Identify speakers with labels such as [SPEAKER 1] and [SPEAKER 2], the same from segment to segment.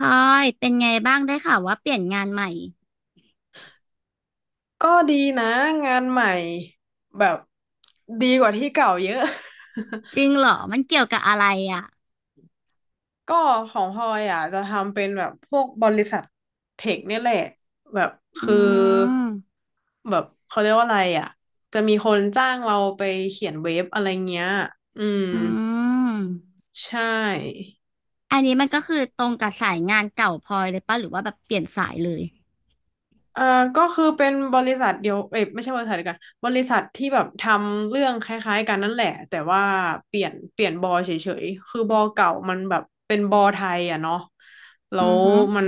[SPEAKER 1] พลอยเป็นไงบ้างได้ข่าวว่าเปลี่ยนงานใหม่
[SPEAKER 2] ก็ดีนะงานใหม่แบบดีกว่าที่เก่าเยอะ
[SPEAKER 1] จริงเหรอมันเกี่ยวกับอะไรอ่ะ
[SPEAKER 2] ก็ของพลอยอ่ะจะทำเป็นแบบพวกบริษัทเทคเนี่ยแหละแบบ
[SPEAKER 1] อื
[SPEAKER 2] คือ
[SPEAKER 1] ม
[SPEAKER 2] แบบเขาเรียกว่าอะไรอ่ะจะมีคนจ้างเราไปเขียนเว็บอะไรเงี้ยอืม
[SPEAKER 1] อืม
[SPEAKER 2] ใช่
[SPEAKER 1] อันนี้มันก็คือตรงกับสายงานเก่าพลอยเลยป่ะหรือว่าแบบเปลี่ยนสายเลย
[SPEAKER 2] เอ่อก็คือเป็นบริษัทเดียวเอ้ยไม่ใช่บริษัทเดียวกันบริษัทที่แบบทำเรื่องคล้ายๆกันนั่นแหละแต่ว่าเปลี่ยนบอเฉยๆคือบอเก่ามันแบบเป็นบอไทยอ่ะเนาะแล้
[SPEAKER 1] อื
[SPEAKER 2] ว
[SPEAKER 1] อฮึ
[SPEAKER 2] มัน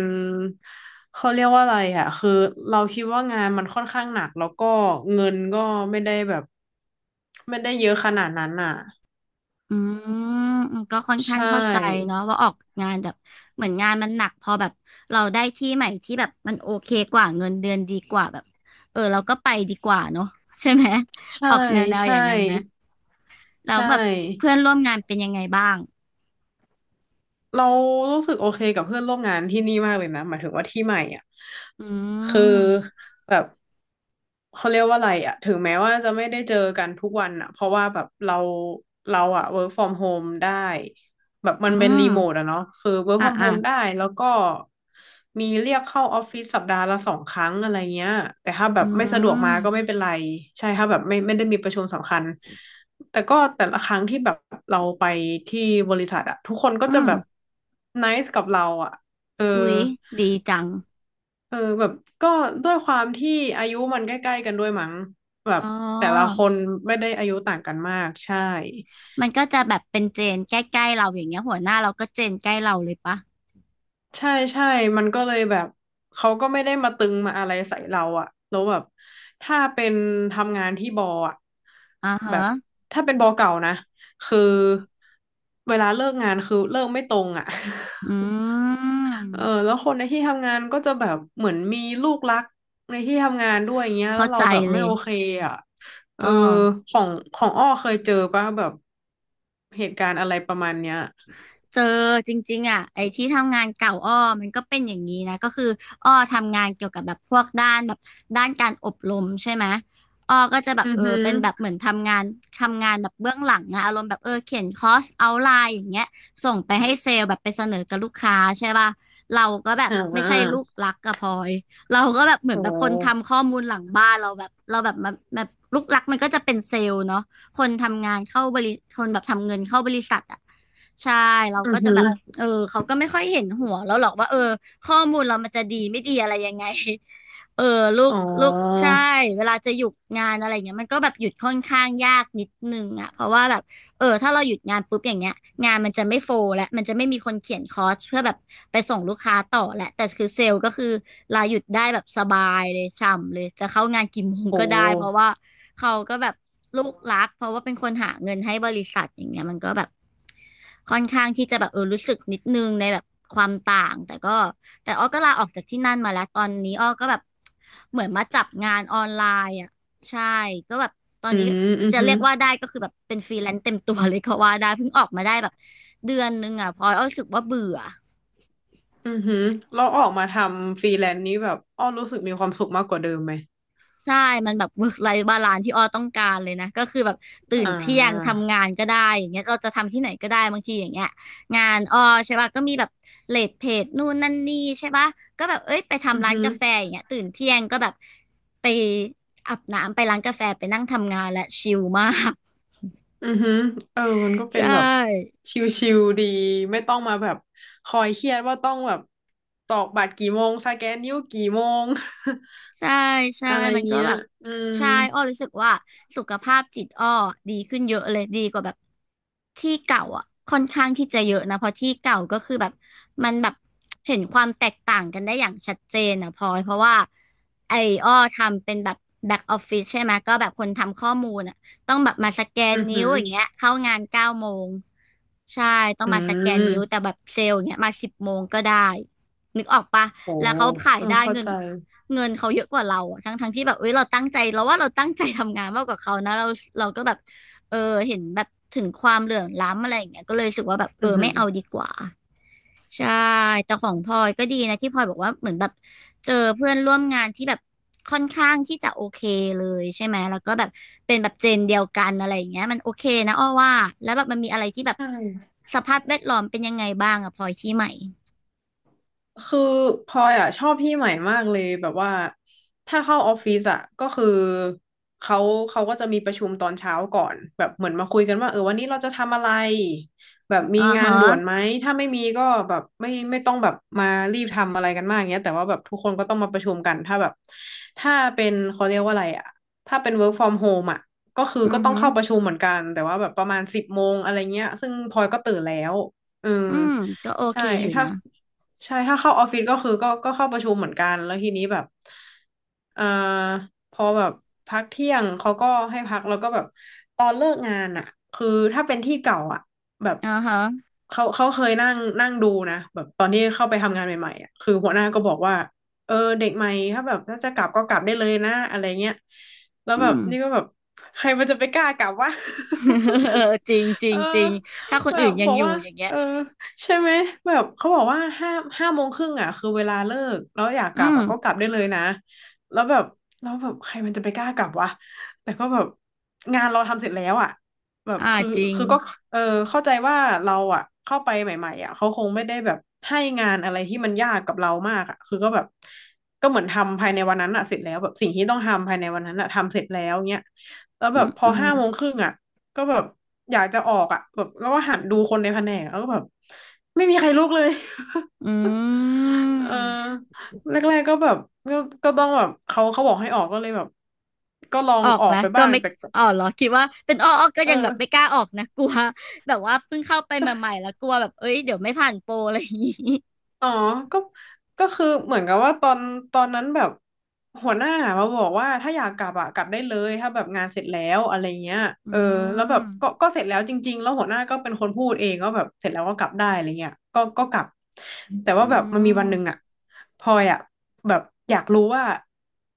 [SPEAKER 2] เขาเรียกว่าอะไรอ่ะคือเราคิดว่างานมันค่อนข้างหนักแล้วก็เงินก็ไม่ได้แบบไม่ได้เยอะขนาดนั้นอ่ะ
[SPEAKER 1] อืมก็ค่อน
[SPEAKER 2] ใช
[SPEAKER 1] ข้างเข้าใจ
[SPEAKER 2] ่
[SPEAKER 1] เนาะว่าออกงานแบบเหมือนงานมันหนักพอแบบเราได้ที่ใหม่ที่แบบมันโอเคกว่าเงินเดือนดีกว่าแบบเออเราก็ไปดีกว่าเนาะใช่ไหม
[SPEAKER 2] ใช่
[SPEAKER 1] ออกแนวๆอ
[SPEAKER 2] ใช่
[SPEAKER 1] ย่างนั้นไหมแล้
[SPEAKER 2] ใช
[SPEAKER 1] วแบบ
[SPEAKER 2] ่
[SPEAKER 1] เพื่อนร่วมงานเป็นยังไงบ้าง
[SPEAKER 2] เรารู้สึกโอเคกับเพื่อนร่วมงานที่นี่มากเลยนะหมายถึงว่าที่ใหม่อ่ะ
[SPEAKER 1] อื
[SPEAKER 2] คือ
[SPEAKER 1] ม
[SPEAKER 2] แบบเขาเรียกว่าอะไรอ่ะถึงแม้ว่าจะไม่ได้เจอกันทุกวันอ่ะเพราะว่าแบบเราอ่ะ work from home ได้แบบมั
[SPEAKER 1] อื
[SPEAKER 2] นเป็นรี
[SPEAKER 1] ม
[SPEAKER 2] โมทอะเนาะคือ work
[SPEAKER 1] อ่ะ
[SPEAKER 2] from
[SPEAKER 1] อ่ะ
[SPEAKER 2] home ได้แล้วก็มีเรียกเข้าออฟฟิศสัปดาห์ละสองครั้งอะไรเงี้ยแต่ถ้าแบ
[SPEAKER 1] อื
[SPEAKER 2] บไม่สะดวกมาก็ไม่
[SPEAKER 1] ม
[SPEAKER 2] เป็นไรใช่ถ้าแบบไม่ได้มีประชุมสำคัญ แต่ก็แต่ละครั้งที่แบบเราไปที่บริษัทอะทุกคนก็
[SPEAKER 1] อื
[SPEAKER 2] จะ
[SPEAKER 1] ม
[SPEAKER 2] แบบไนซ์กับเราอะเออ
[SPEAKER 1] อุ๊ยดีจัง
[SPEAKER 2] เออแบบก็ด้วยความที่อายุมันใกล้ๆกันด้วยมั้งแบบ
[SPEAKER 1] อ๋อ
[SPEAKER 2] แต่ละคนไม่ได้อายุต่างกันมากใช่
[SPEAKER 1] มันก็จะแบบเป็นเจนใกล้ๆเราอย่างเงี้ยหัวหน้าเราก็เจนใกล้เราเลยปะ
[SPEAKER 2] ใช่ใช่มันก็เลยแบบเขาก็ไม่ได้มาตึงมาอะไรใส่เราอะแล้วแบบถ้าเป็นทำงานที่บออะ
[SPEAKER 1] อ่าฮะ
[SPEAKER 2] แบบถ้าเป็นบอเก่านะคือเวลาเลิกงานคือเลิกไม่ตรงอะ
[SPEAKER 1] อื
[SPEAKER 2] เออ
[SPEAKER 1] ม
[SPEAKER 2] แล้วคนในที่ทำงานก็จะแบบเหมือนมีลูกรักในที่ทำงานด้วยอย่างเงี้ยแล้
[SPEAKER 1] เข้า
[SPEAKER 2] วเรา
[SPEAKER 1] ใจ
[SPEAKER 2] แบบ
[SPEAKER 1] เล
[SPEAKER 2] ไม่
[SPEAKER 1] ย
[SPEAKER 2] โอเคอ่ะเอ
[SPEAKER 1] อ๋
[SPEAKER 2] อ
[SPEAKER 1] อ
[SPEAKER 2] ของของอ้อเคยเจอป่ะแบบเหตุการณ์อะไรประมาณเนี้ย
[SPEAKER 1] เจอจริงๆอ่ะไอ้ที่ทำงานเก่าอ้อมันก็เป็นอย่างนี้นะก็คืออ้อทำงานเกี่ยวกับแบบพวกด้านแบบด้านการอบรมใช่ไหมอ้อก็จะแบ
[SPEAKER 2] อื
[SPEAKER 1] บ
[SPEAKER 2] อ
[SPEAKER 1] เอ
[SPEAKER 2] หื
[SPEAKER 1] อ
[SPEAKER 2] อ
[SPEAKER 1] เป็นแบบเหมือนทำงานแบบเบื้องหลังนะอารมณ์แบบเออเขียนคอร์สเอาไลน์อย่างเงี้ยส่งไปให้เซลล์แบบไปเสนอกับลูกค้าใช่ป่ะเราก็แบบ
[SPEAKER 2] อ่
[SPEAKER 1] ไม่ใช่ลู
[SPEAKER 2] า
[SPEAKER 1] กรักกับพลอยเราก็แบบเหมื
[SPEAKER 2] โอ
[SPEAKER 1] อนแบบคน
[SPEAKER 2] ้
[SPEAKER 1] ทำข้อมูลหลังบ้านเราแบบเราแบบมาแบบลูกรักมันก็จะเป็นเซลล์เนาะ คนทำงานเข้าบริคนแบบทำเงินเข้าบริษัทอ่ะใช่เรา
[SPEAKER 2] อื
[SPEAKER 1] ก็
[SPEAKER 2] อ
[SPEAKER 1] จะ
[SPEAKER 2] หื
[SPEAKER 1] แบ
[SPEAKER 2] อ
[SPEAKER 1] บเออเขาก็ไม่ค่อยเห็นหัวเราหรอกว่าเออข้อมูลเรามันจะดีไม่ดีอะไรยังไง เออลูก
[SPEAKER 2] อ๋อ
[SPEAKER 1] ลูกใช่เวลาจะหยุดงานอะไรเงี้ยมันก็แบบหยุดค่อนข้างยากนิดนึงอ่ะเพราะว่าแบบ เออถ้าเราหยุดงานปุ๊บอย่างเงี้ยงานมันจะไม่โฟลและมันจะไม่มีคนเขียนคอร์สเพื่อแบบไปส่งลูกค้าต่อแหละแต่คือเซลล์ก็คือลาหยุดได้แบบสบายเลยช่ำเลยจะเข้างานกี่โมง
[SPEAKER 2] โอ
[SPEAKER 1] ก็ได้เพราะ
[SPEAKER 2] ้
[SPEAKER 1] ว่าเขาก็แบบลูกรักเพราะว่าเป็นคนหาเงินให้บริษัทอย่างเงี้ยมันก็แบบค่อนข้างที่จะแบบเออรู้สึกนิดนึงในแบบความต่างแต่ก็แต่อ้อก็ลาออกจากที่นั่นมาแล้วตอนนี้อ้อก็แบบเหมือนมาจับงานออนไลน์อ่ะ ใช่ก็แบบตอน
[SPEAKER 2] อื
[SPEAKER 1] นี้ก็
[SPEAKER 2] มอือ
[SPEAKER 1] จะ
[SPEAKER 2] หื
[SPEAKER 1] เรี
[SPEAKER 2] อ
[SPEAKER 1] ยกว่าได้ก็คือแบบเป็นฟรีแลนซ์เต็มตัวเลยก็ว่าได้เพิ่งออกมาได้แบบเดือนนึงอ่ะพลอยอ้อรู้สึกว่าเบื่อ
[SPEAKER 2] อือหือเราออกมาทำฟรีแลนซ์นี้แบบอ้อรู้สึกมีความสุขมากกว่าเดิมไหม
[SPEAKER 1] ใช่มันแบบ work life balance ที่อ้อต้องการเลยนะก็คือแบบตื่น
[SPEAKER 2] อ่า
[SPEAKER 1] เที่ยงทำงานก็ได้อย่างเงี้ยเราจะทำที่ไหนก็ได้บางทีอย่างเงี้ยงานอ้อใช่ป่ะก็มีแบบเลทเพจนู่นนั่นนี่ใช่ป่ะก็แบบเอ้ยไป
[SPEAKER 2] อื
[SPEAKER 1] ทำ
[SPEAKER 2] อ
[SPEAKER 1] ร้าน
[SPEAKER 2] หือ
[SPEAKER 1] กาแฟอย่างเงี้ยตื่นเที่ยงก็แบบไปอาบน้ำไปร้านกาแฟไปนั่งทำงานและชิลมาก
[SPEAKER 2] อือฮึเออมันก็
[SPEAKER 1] ใช
[SPEAKER 2] เป็นแบบ
[SPEAKER 1] ่
[SPEAKER 2] ชิลๆดีไม่ต้องมาแบบคอยเครียดว่าต้องแบบตอกบัตรกี่โมงสแกนนิ้วกี่โมง
[SPEAKER 1] ใช่ ใช่
[SPEAKER 2] อะไร
[SPEAKER 1] มันก็
[SPEAKER 2] เงี้ย
[SPEAKER 1] แบบ
[SPEAKER 2] อืม
[SPEAKER 1] ใช่อ้อรู้สึกว่าสุขภาพจิตอ้อดีขึ้นเยอะเลยดีกว่าแบบที่เก่าอ่ะค่อนข้างที่จะเยอะนะเพราะที่เก่าก็คือแบบมันแบบเห็นความแตกต่างกันได้อย่างชัดเจนอ่ะพลอยเพราะว่าไอ้อ้อทำเป็นแบบแบ็กออฟฟิศใช่ไหมก็แบบคนทำข้อมูลอ่ะต้องแบบมาสแกน
[SPEAKER 2] อือ
[SPEAKER 1] นิ้
[SPEAKER 2] ฮึ
[SPEAKER 1] วอย่าง
[SPEAKER 2] อ
[SPEAKER 1] เงี้ยเข้างาน9 โมงใช่ต้อง
[SPEAKER 2] อื
[SPEAKER 1] มาสแกนนิ้ว
[SPEAKER 2] ม
[SPEAKER 1] แต่แบบเซลล์อย่างเงี้ยมา10 โมงก็ได้นึกออกปะ
[SPEAKER 2] โห
[SPEAKER 1] แล้วเขาขาย
[SPEAKER 2] เออ
[SPEAKER 1] ได้
[SPEAKER 2] เข้า
[SPEAKER 1] เงิน
[SPEAKER 2] ใจ
[SPEAKER 1] เงินเขาเยอะกว่าเราอะทั้งที่แบบเอ้ยเราตั้งใจเราว่าเราตั้งใจทำงานมากกว่าเขานะเราก็แบบเออเห็นแบบถึงความเหลื่อมล้ำอะไรอย่างเงี้ยก็เลยรู้สึกว่าแบบเอ
[SPEAKER 2] อือ
[SPEAKER 1] อ
[SPEAKER 2] ฮึ
[SPEAKER 1] ไม่เอาดีกว่าใช่แต่ของพลอยก็ดีนะที่พลอยบอกว่าเหมือนแบบเจอเพื่อนร่วมงานที่แบบค่อนข้างที่จะโอเคเลยใช่ไหมแล้วก็แบบเป็นแบบเจนเดียวกันอะไรอย่างเงี้ยมันโอเคนะอ้อว่าแล้วแบบมันมีอะไรที่แบบ
[SPEAKER 2] ใช่
[SPEAKER 1] สภาพแวดล้อมเป็นยังไงบ้างอะพลอยที่ใหม่
[SPEAKER 2] คือพลอยอ่ะชอบพี่ใหม่มากเลยแบบว่าถ้าเข้าออฟฟิศอ่ะก็คือเขาเขาก็จะมีประชุมตอนเช้าก่อนแบบเหมือนมาคุยกันว่าเออวันนี้เราจะทำอะไรแบบมี
[SPEAKER 1] อ๋อ
[SPEAKER 2] งาน
[SPEAKER 1] ฮะ
[SPEAKER 2] ด่วนไหมถ้าไม่มีก็แบบไม่ต้องแบบมารีบทำอะไรกันมากเงี้ยแต่ว่าแบบทุกคนก็ต้องมาประชุมกันถ้าแบบถ้าเป็นเขาเรียกว่าอะไรอ่ะถ้าเป็น work from home อ่ะก็คือ
[SPEAKER 1] อื
[SPEAKER 2] ก็
[SPEAKER 1] อ
[SPEAKER 2] ต้อง
[SPEAKER 1] ฮึ
[SPEAKER 2] เข้าประชุมเหมือนกันแต่ว่าแบบประมาณสิบโมงอะไรเงี้ยซึ่งพลอยก็ตื่นแล้วเออ
[SPEAKER 1] อืมก็โอ
[SPEAKER 2] ใช่
[SPEAKER 1] เคอยู่
[SPEAKER 2] ถ้า
[SPEAKER 1] นะ
[SPEAKER 2] ใช่ถ้าเข้าออฟฟิศก็คือก็เข้าประชุมเหมือนกันแล้วทีนี้แบบเอ่อพอแบบพักเที่ยงเขาก็ให้พักแล้วก็แบบตอนเลิกงานอ่ะคือถ้าเป็นที่เก่าอ่ะแบบ
[SPEAKER 1] อ๋อฮะ
[SPEAKER 2] เขาเคยนั่งนั่งดูนะแบบตอนที่เข้าไปทำงานใหม่ๆอ่ะคือหัวหน้าก็บอกว่าเออเด็กใหม่ถ้าแบบถ้าจะกลับก็กลับได้เลยนะอะไรเงี้ยแล้วแบ
[SPEAKER 1] อื
[SPEAKER 2] บ
[SPEAKER 1] ม
[SPEAKER 2] นี่ก็แบบใครมันจะไปกล้ากลับวะ
[SPEAKER 1] เจริงจริ
[SPEAKER 2] เออ
[SPEAKER 1] งจริงถ้าคน
[SPEAKER 2] แบ
[SPEAKER 1] อื่
[SPEAKER 2] บ
[SPEAKER 1] นยั
[SPEAKER 2] บ
[SPEAKER 1] ง
[SPEAKER 2] อก
[SPEAKER 1] อยู่
[SPEAKER 2] ว่า
[SPEAKER 1] อย่างเงี้
[SPEAKER 2] เอ
[SPEAKER 1] ย
[SPEAKER 2] อ ใช่ไหมแบบเขาบอกว่าห้าโมงครึ่งอ่ะคือเวลาเลิกแล้วอยากก
[SPEAKER 1] อื
[SPEAKER 2] ลับ
[SPEAKER 1] ม
[SPEAKER 2] อ่ะก็กลับได้เลยนะแล้วแบบแล้วแบบใครมันจะไปกล้ากลับวะแต่ก็แบบงานเราทำเสร็จแล้วอ่ะแบบ
[SPEAKER 1] อ่า
[SPEAKER 2] คือ
[SPEAKER 1] จริง
[SPEAKER 2] คือก็เออเข้าใจว่าเราอ่ะเข้าไปใหม่ๆอ่ะเขาคงไม่ได้แบบให้งานอะไรที่มันยากกับเรามากอ่ะคือก็แบบก็เหมือนทำภายในวันนั้นอ่ะเสร็จแล้วแบบสิ่งที่ต้องทำภายในวันนั้นอ่ะทำเสร็จแล้วเงี้ยแล้ว
[SPEAKER 1] อื
[SPEAKER 2] แบบ
[SPEAKER 1] ม
[SPEAKER 2] พอ
[SPEAKER 1] อืม
[SPEAKER 2] ห้าโมงครึ่งอ่ะ ก็แบบอยากจะออกอ่ะแบบแล้วก็หันดูคนในแผนกแล้วก็แบบไม่มีใครลุกเลย
[SPEAKER 1] อื
[SPEAKER 2] เอ
[SPEAKER 1] ม
[SPEAKER 2] อแรกๆก็แบบก็ก็ต้องแบบเขาบอกให้ออกก็เลยแบบก็ลอง
[SPEAKER 1] ออก
[SPEAKER 2] ออ
[SPEAKER 1] ไหม
[SPEAKER 2] กไป
[SPEAKER 1] ก็
[SPEAKER 2] บ้าง
[SPEAKER 1] ไม่
[SPEAKER 2] แต่ก็
[SPEAKER 1] อ๋อเหรอคิดว่าเป็นอ้อก็
[SPEAKER 2] เอ
[SPEAKER 1] ยังแบบไม่ก
[SPEAKER 2] อ
[SPEAKER 1] ล้าออกนะ กลัวแบบว่าเพิ่งเข้าไปใหม่ๆแล้วกลัวแบบเอ้ยเดี๋ยวไม่ผ่านโปรอะไรอย่างงี้
[SPEAKER 2] อ๋อก็ก็คือเหมือนกับว่าตอนนั้นแบบหัวหน้ามาบอกว่าถ้าอยากกลับอะกลับได้เลยถ้าแบบงานเสร็จแล้วอะไรเงี้ย
[SPEAKER 1] อื
[SPEAKER 2] เออแล้วแบบก็
[SPEAKER 1] ม
[SPEAKER 2] ก็เสร็จแล้วจริงๆแล้วหัวหน้าก็เป็นคนพูดเองก็แบบเสร็จแล้วก็กลับได้อะไรเงี้ยก็กลับแต่ว่า
[SPEAKER 1] อื
[SPEAKER 2] แบบมันมีวัน
[SPEAKER 1] ม
[SPEAKER 2] หนึ่งอะพลอยอะแบบอยากรู้ว่า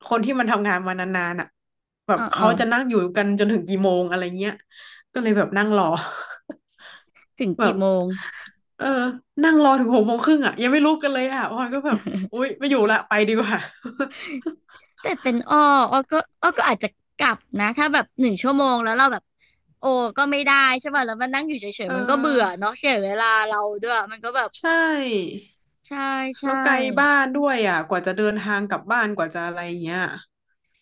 [SPEAKER 2] คนที่มันทำงานมานานๆอะแบ
[SPEAKER 1] เอ
[SPEAKER 2] บ
[SPEAKER 1] อเออ
[SPEAKER 2] เขาจะนั่งอยู่กันจนถึงกี่โมงอะไรเงี้ยก็เลยแบบนั่งรอ
[SPEAKER 1] ถึง
[SPEAKER 2] แบ
[SPEAKER 1] กี่
[SPEAKER 2] บ
[SPEAKER 1] โมง
[SPEAKER 2] เออนั่งรอถึง6 โมงครึ่งอ่ะยังไม่ลุกกันเลยอ่ะพลอยก็แบบอุ๊ยไม่อยู่ละไปดีกว่า
[SPEAKER 1] แต่เป็นอ้อก็อาจจะกลับนะถ้าแบบ1 ชั่วโมงแล้วเราแบบ โอ้ก็ไม่ได้ใช่ป่ะแล้วมันนั่งอยู่เฉ
[SPEAKER 2] เ
[SPEAKER 1] ยๆมันก็เบื่อ
[SPEAKER 2] ออ
[SPEAKER 1] เนาะเสียเวลาเราด้วยมันก็แบบ
[SPEAKER 2] ใช่
[SPEAKER 1] ใช่ใช่
[SPEAKER 2] แล้วไกลบ้านด้วยอ่ะกว่าจะเดินทางกลับบ้านกว่าจะอะไรเงี้ย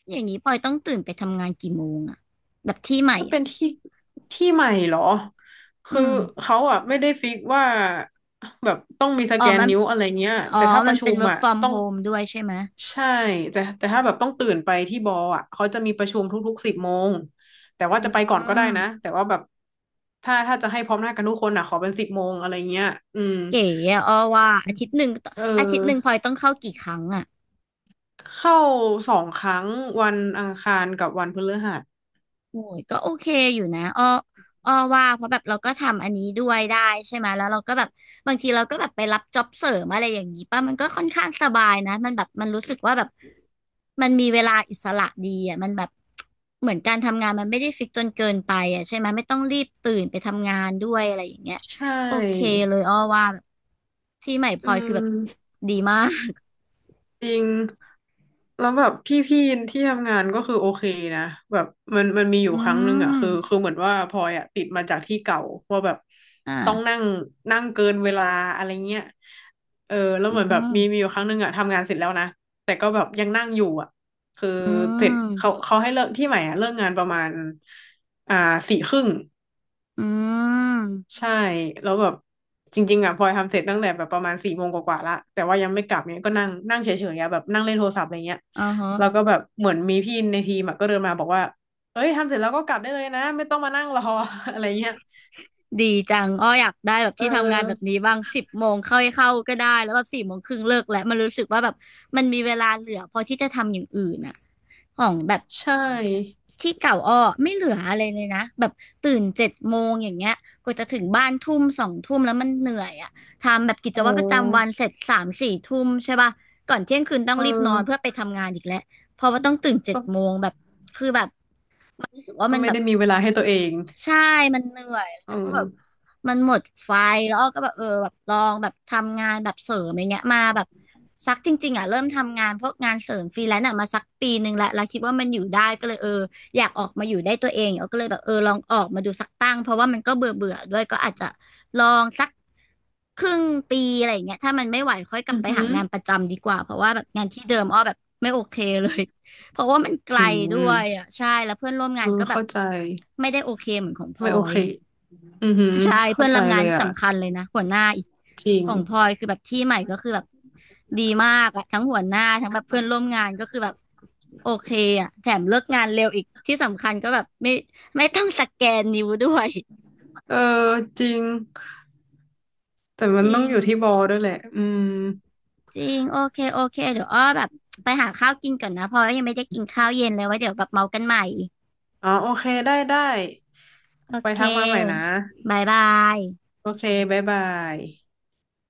[SPEAKER 1] อย่างนี้พลอยต้องตื่นไปทำงานกี่โมงอะแบบที่ใหม่
[SPEAKER 2] ถ้าเป็
[SPEAKER 1] อ่ะ
[SPEAKER 2] นที่ที่ใหม่เหรอ
[SPEAKER 1] อื
[SPEAKER 2] คือ
[SPEAKER 1] ม
[SPEAKER 2] เขาอ่ะไม่ได้ฟิกว่าแบบต้องมีส
[SPEAKER 1] อ๋อ
[SPEAKER 2] แกน
[SPEAKER 1] มัน
[SPEAKER 2] นิ้วอะไรเงี้ย
[SPEAKER 1] อ๋อ
[SPEAKER 2] แต่ถ้าป
[SPEAKER 1] มั
[SPEAKER 2] ระ
[SPEAKER 1] น
[SPEAKER 2] ชุ
[SPEAKER 1] เป็น
[SPEAKER 2] ม
[SPEAKER 1] work
[SPEAKER 2] อ่ะ
[SPEAKER 1] from
[SPEAKER 2] ต้อง
[SPEAKER 1] home ด้วยใช่ไหม
[SPEAKER 2] ใช่แต่ถ้าแบบต้องตื่นไปที่บออ่ะเขาจะมีประชุมทุกๆสิบโมงแต่
[SPEAKER 1] อื
[SPEAKER 2] ว่าจะไปก่อนก็ได้
[SPEAKER 1] ม
[SPEAKER 2] นะแต่ว่าแบบถ้าจะให้พร้อมหน้ากันทุกคนอ่ะขอเป็นสิบโมงอะไรเงี้ยอืม
[SPEAKER 1] เก๋อะอ้อว่าอาทิตย์หนึ่ง
[SPEAKER 2] เ
[SPEAKER 1] อาทิตย์หนึ่งพ
[SPEAKER 2] ออ
[SPEAKER 1] ลอยต้องเข้ากี่ครั้งอะ
[SPEAKER 2] เข้า2 ครั้งวันอังคารกับวันพฤหัส
[SPEAKER 1] โอ้ยก็โอเคอยู่นะอ้ออ้อว่าเพราะแบบเราก็ทำอันนี้ด้วยได้ใช่ไหมแล้วเราก็แบบบางทีเราก็แบบไปรับจ็อบเสริมอะไรอย่างนี้ป่ะมันก็ค่อนข้างสบายนะมันแบบมันรู้สึกว่าแบบมันมีเวลาอิสระดีอ่ะมันแบบเหมือนการทำงานมันไม่ได้ฟิกจนเกินไปอ่ะใช่ไหมไม่ต้องรีบตื่นไปทำงานด้วยอะไรอย่างเงี้ย
[SPEAKER 2] ใช่
[SPEAKER 1] โอเคเลยอ้อว่าแบบที่ใหม่พ
[SPEAKER 2] อื
[SPEAKER 1] ลอยคือแบบ
[SPEAKER 2] ม
[SPEAKER 1] ดีมาก
[SPEAKER 2] จริงแล้วแบบพี่ๆที่ทำงานก็คือโอเคนะแบบมันมีอ
[SPEAKER 1] อื
[SPEAKER 2] ยู่ครั้งหนึ่งอ่ะ
[SPEAKER 1] ม
[SPEAKER 2] คือเหมือนว่าพลอยอ่ะติดมาจากที่เก่าว่าแบบต้อง
[SPEAKER 1] อ่า
[SPEAKER 2] นั่งนั่งเกินเวลาอะไรเงี้ยเออแล้ว
[SPEAKER 1] อื
[SPEAKER 2] เหมือนแบบมี
[SPEAKER 1] ม
[SPEAKER 2] อยู่ครั้งหนึ่งอ่ะทำงานเสร็จแล้วนะแต่ก็แบบยังนั่งอยู่อ่ะคือ
[SPEAKER 1] อื
[SPEAKER 2] เสร็จเขา
[SPEAKER 1] ม
[SPEAKER 2] ให้เลิกที่ใหม่อ่ะเลิกงานประมาณอ่า4 ครึ่ง
[SPEAKER 1] อืม
[SPEAKER 2] ใช่แล้วแบบจริงๆอ่ะพลอยทำเสร็จตั้งแต่แบบประมาณ4 โมงกว่าๆละแต่ว่ายังไม่กลับเนี่ยก็นั่งนั่งเฉยๆอะแบบนั่งเล่นโทรศัพท์อะไรเงี้ย
[SPEAKER 1] อ๋อฮะ
[SPEAKER 2] แล้วก็แบบเหมือนมีพี่ในทีมอะก็เดินมาบอกว่าเอ้ยทำเสร็จแล้วก็กลับได้เลยนะไม่ต้องมานั่งรอ อะไรเงี้ย
[SPEAKER 1] ดีจังอ้ออยากได้แบบ
[SPEAKER 2] เอ
[SPEAKER 1] ที่ทำงานแบบ
[SPEAKER 2] อ
[SPEAKER 1] นี้บ้าง10 โมงเข้าก็ได้แล้วแบบ4 โมงครึ่งเลิกแล้วมันรู้สึกว่าแบบมันมีเวลาเหลือพอที่จะทำอย่างอื่นอ่ะของแบบ
[SPEAKER 2] ใช่
[SPEAKER 1] ที่เก่าอ้อไม่เหลืออะไรเลยนะแบบตื่นเจ็ดโมงอย่างเงี้ยกว่าจะถึงบ้านทุ่มสองทุ่มแล้วมันเหนื่อยอ่ะทำแบบกิจ
[SPEAKER 2] โอ
[SPEAKER 1] วัตรประจำวั
[SPEAKER 2] ้
[SPEAKER 1] นเสร็จสามสี่ทุ่มใช่ป่ะก่อนเที่ยงคืนต้อ
[SPEAKER 2] เ
[SPEAKER 1] งรีบนอนเพื่
[SPEAKER 2] ออ
[SPEAKER 1] อไปทำงานอีกแล้วเพราะว่าต้องตื่นเจ็ด
[SPEAKER 2] ก็
[SPEAKER 1] โมงแบบคือแบบ มันรู้สึกว่า
[SPEAKER 2] ก็
[SPEAKER 1] มัน
[SPEAKER 2] ไม่
[SPEAKER 1] แบบ
[SPEAKER 2] ได้มีเวลาให้ตัวเอง
[SPEAKER 1] ใช่มันเหนื่อยแล้ว
[SPEAKER 2] เอ
[SPEAKER 1] มันก็แบบ
[SPEAKER 2] อ
[SPEAKER 1] มันหมดไฟแล้วอ้อก็แบบเออแบบลองแบบทำงานแบบเสริมอย่างเงี้ยมาแบบสักจริงๆอ่ะเริ่มทำงานพวกงานเสริมฟรีแลนซ์อ่ะมาสัก1 ปีแลวแล้วคิดว่ามันอยู่ได้ก็เลยเอออยากออกมาอยู่ได้ตัวเองอ้อก็เลยแบบเออลองออกมาดูสักตั้งเพราะว่ามันก็เบื่อเบื่อด้วยก็อาจจะลองสักครึ่งปีอะไรอย่างเงี้ยถ้ามันไม่ไหวค่อยกลับ
[SPEAKER 2] อือ
[SPEAKER 1] ไป
[SPEAKER 2] หื
[SPEAKER 1] หา
[SPEAKER 2] อ
[SPEAKER 1] งานประจำดีกว่าเพราะว่าแบบงานที่เดิมอ้อแบบไม่โอเคเลย เพราะว่ามันไกล
[SPEAKER 2] อื
[SPEAKER 1] ด้วย
[SPEAKER 2] ม
[SPEAKER 1] อ่ะใช่แล้วเพื่อนร่วม
[SPEAKER 2] เอ
[SPEAKER 1] งา
[SPEAKER 2] อ
[SPEAKER 1] นก็แบบ
[SPEAKER 2] เข้าใจ
[SPEAKER 1] ไม่ได้โอเคเหมือนของพล
[SPEAKER 2] ไม่
[SPEAKER 1] อ
[SPEAKER 2] โอ
[SPEAKER 1] ย
[SPEAKER 2] เคอือหือ
[SPEAKER 1] ใช่
[SPEAKER 2] เข้า
[SPEAKER 1] เพื่อน
[SPEAKER 2] ใจ
[SPEAKER 1] ร่วม
[SPEAKER 2] เล
[SPEAKER 1] งาน
[SPEAKER 2] ย
[SPEAKER 1] ที่
[SPEAKER 2] อ่ะ
[SPEAKER 1] สำคัญเลยนะหัวหน้าอีก
[SPEAKER 2] จริง
[SPEAKER 1] ของพลอยคือแบบที่ใหม่ก็คือแบบดีมากอ่ะทั้งหัวหน้าทั้งแบบเพื่อนร่วมงานก็คือแบบโอเคอ่ะแถมเลิกงานเร็วอีกที่สำคัญก็แบบไม่ต้องสแกนนิ้วด้วย
[SPEAKER 2] เออจริง แต่มั
[SPEAKER 1] จ
[SPEAKER 2] นต้
[SPEAKER 1] ริ
[SPEAKER 2] อง
[SPEAKER 1] ง
[SPEAKER 2] อยู่ที่บอลด้วยแหละอืม
[SPEAKER 1] จริงโอเคโอเคเดี๋ยวอ้อแบบไปหาข้าวกินก่อนนะเพราะว่ายังไม่ได้กินข้าวเย็นเลยไว้เดี๋ยวแบบเมากันใหม่
[SPEAKER 2] อ๋อโอเคได้ได้
[SPEAKER 1] โอ
[SPEAKER 2] ไป
[SPEAKER 1] เค
[SPEAKER 2] ทักมาใหม่นะ
[SPEAKER 1] บายบาย
[SPEAKER 2] โอเคบ๊ายบาย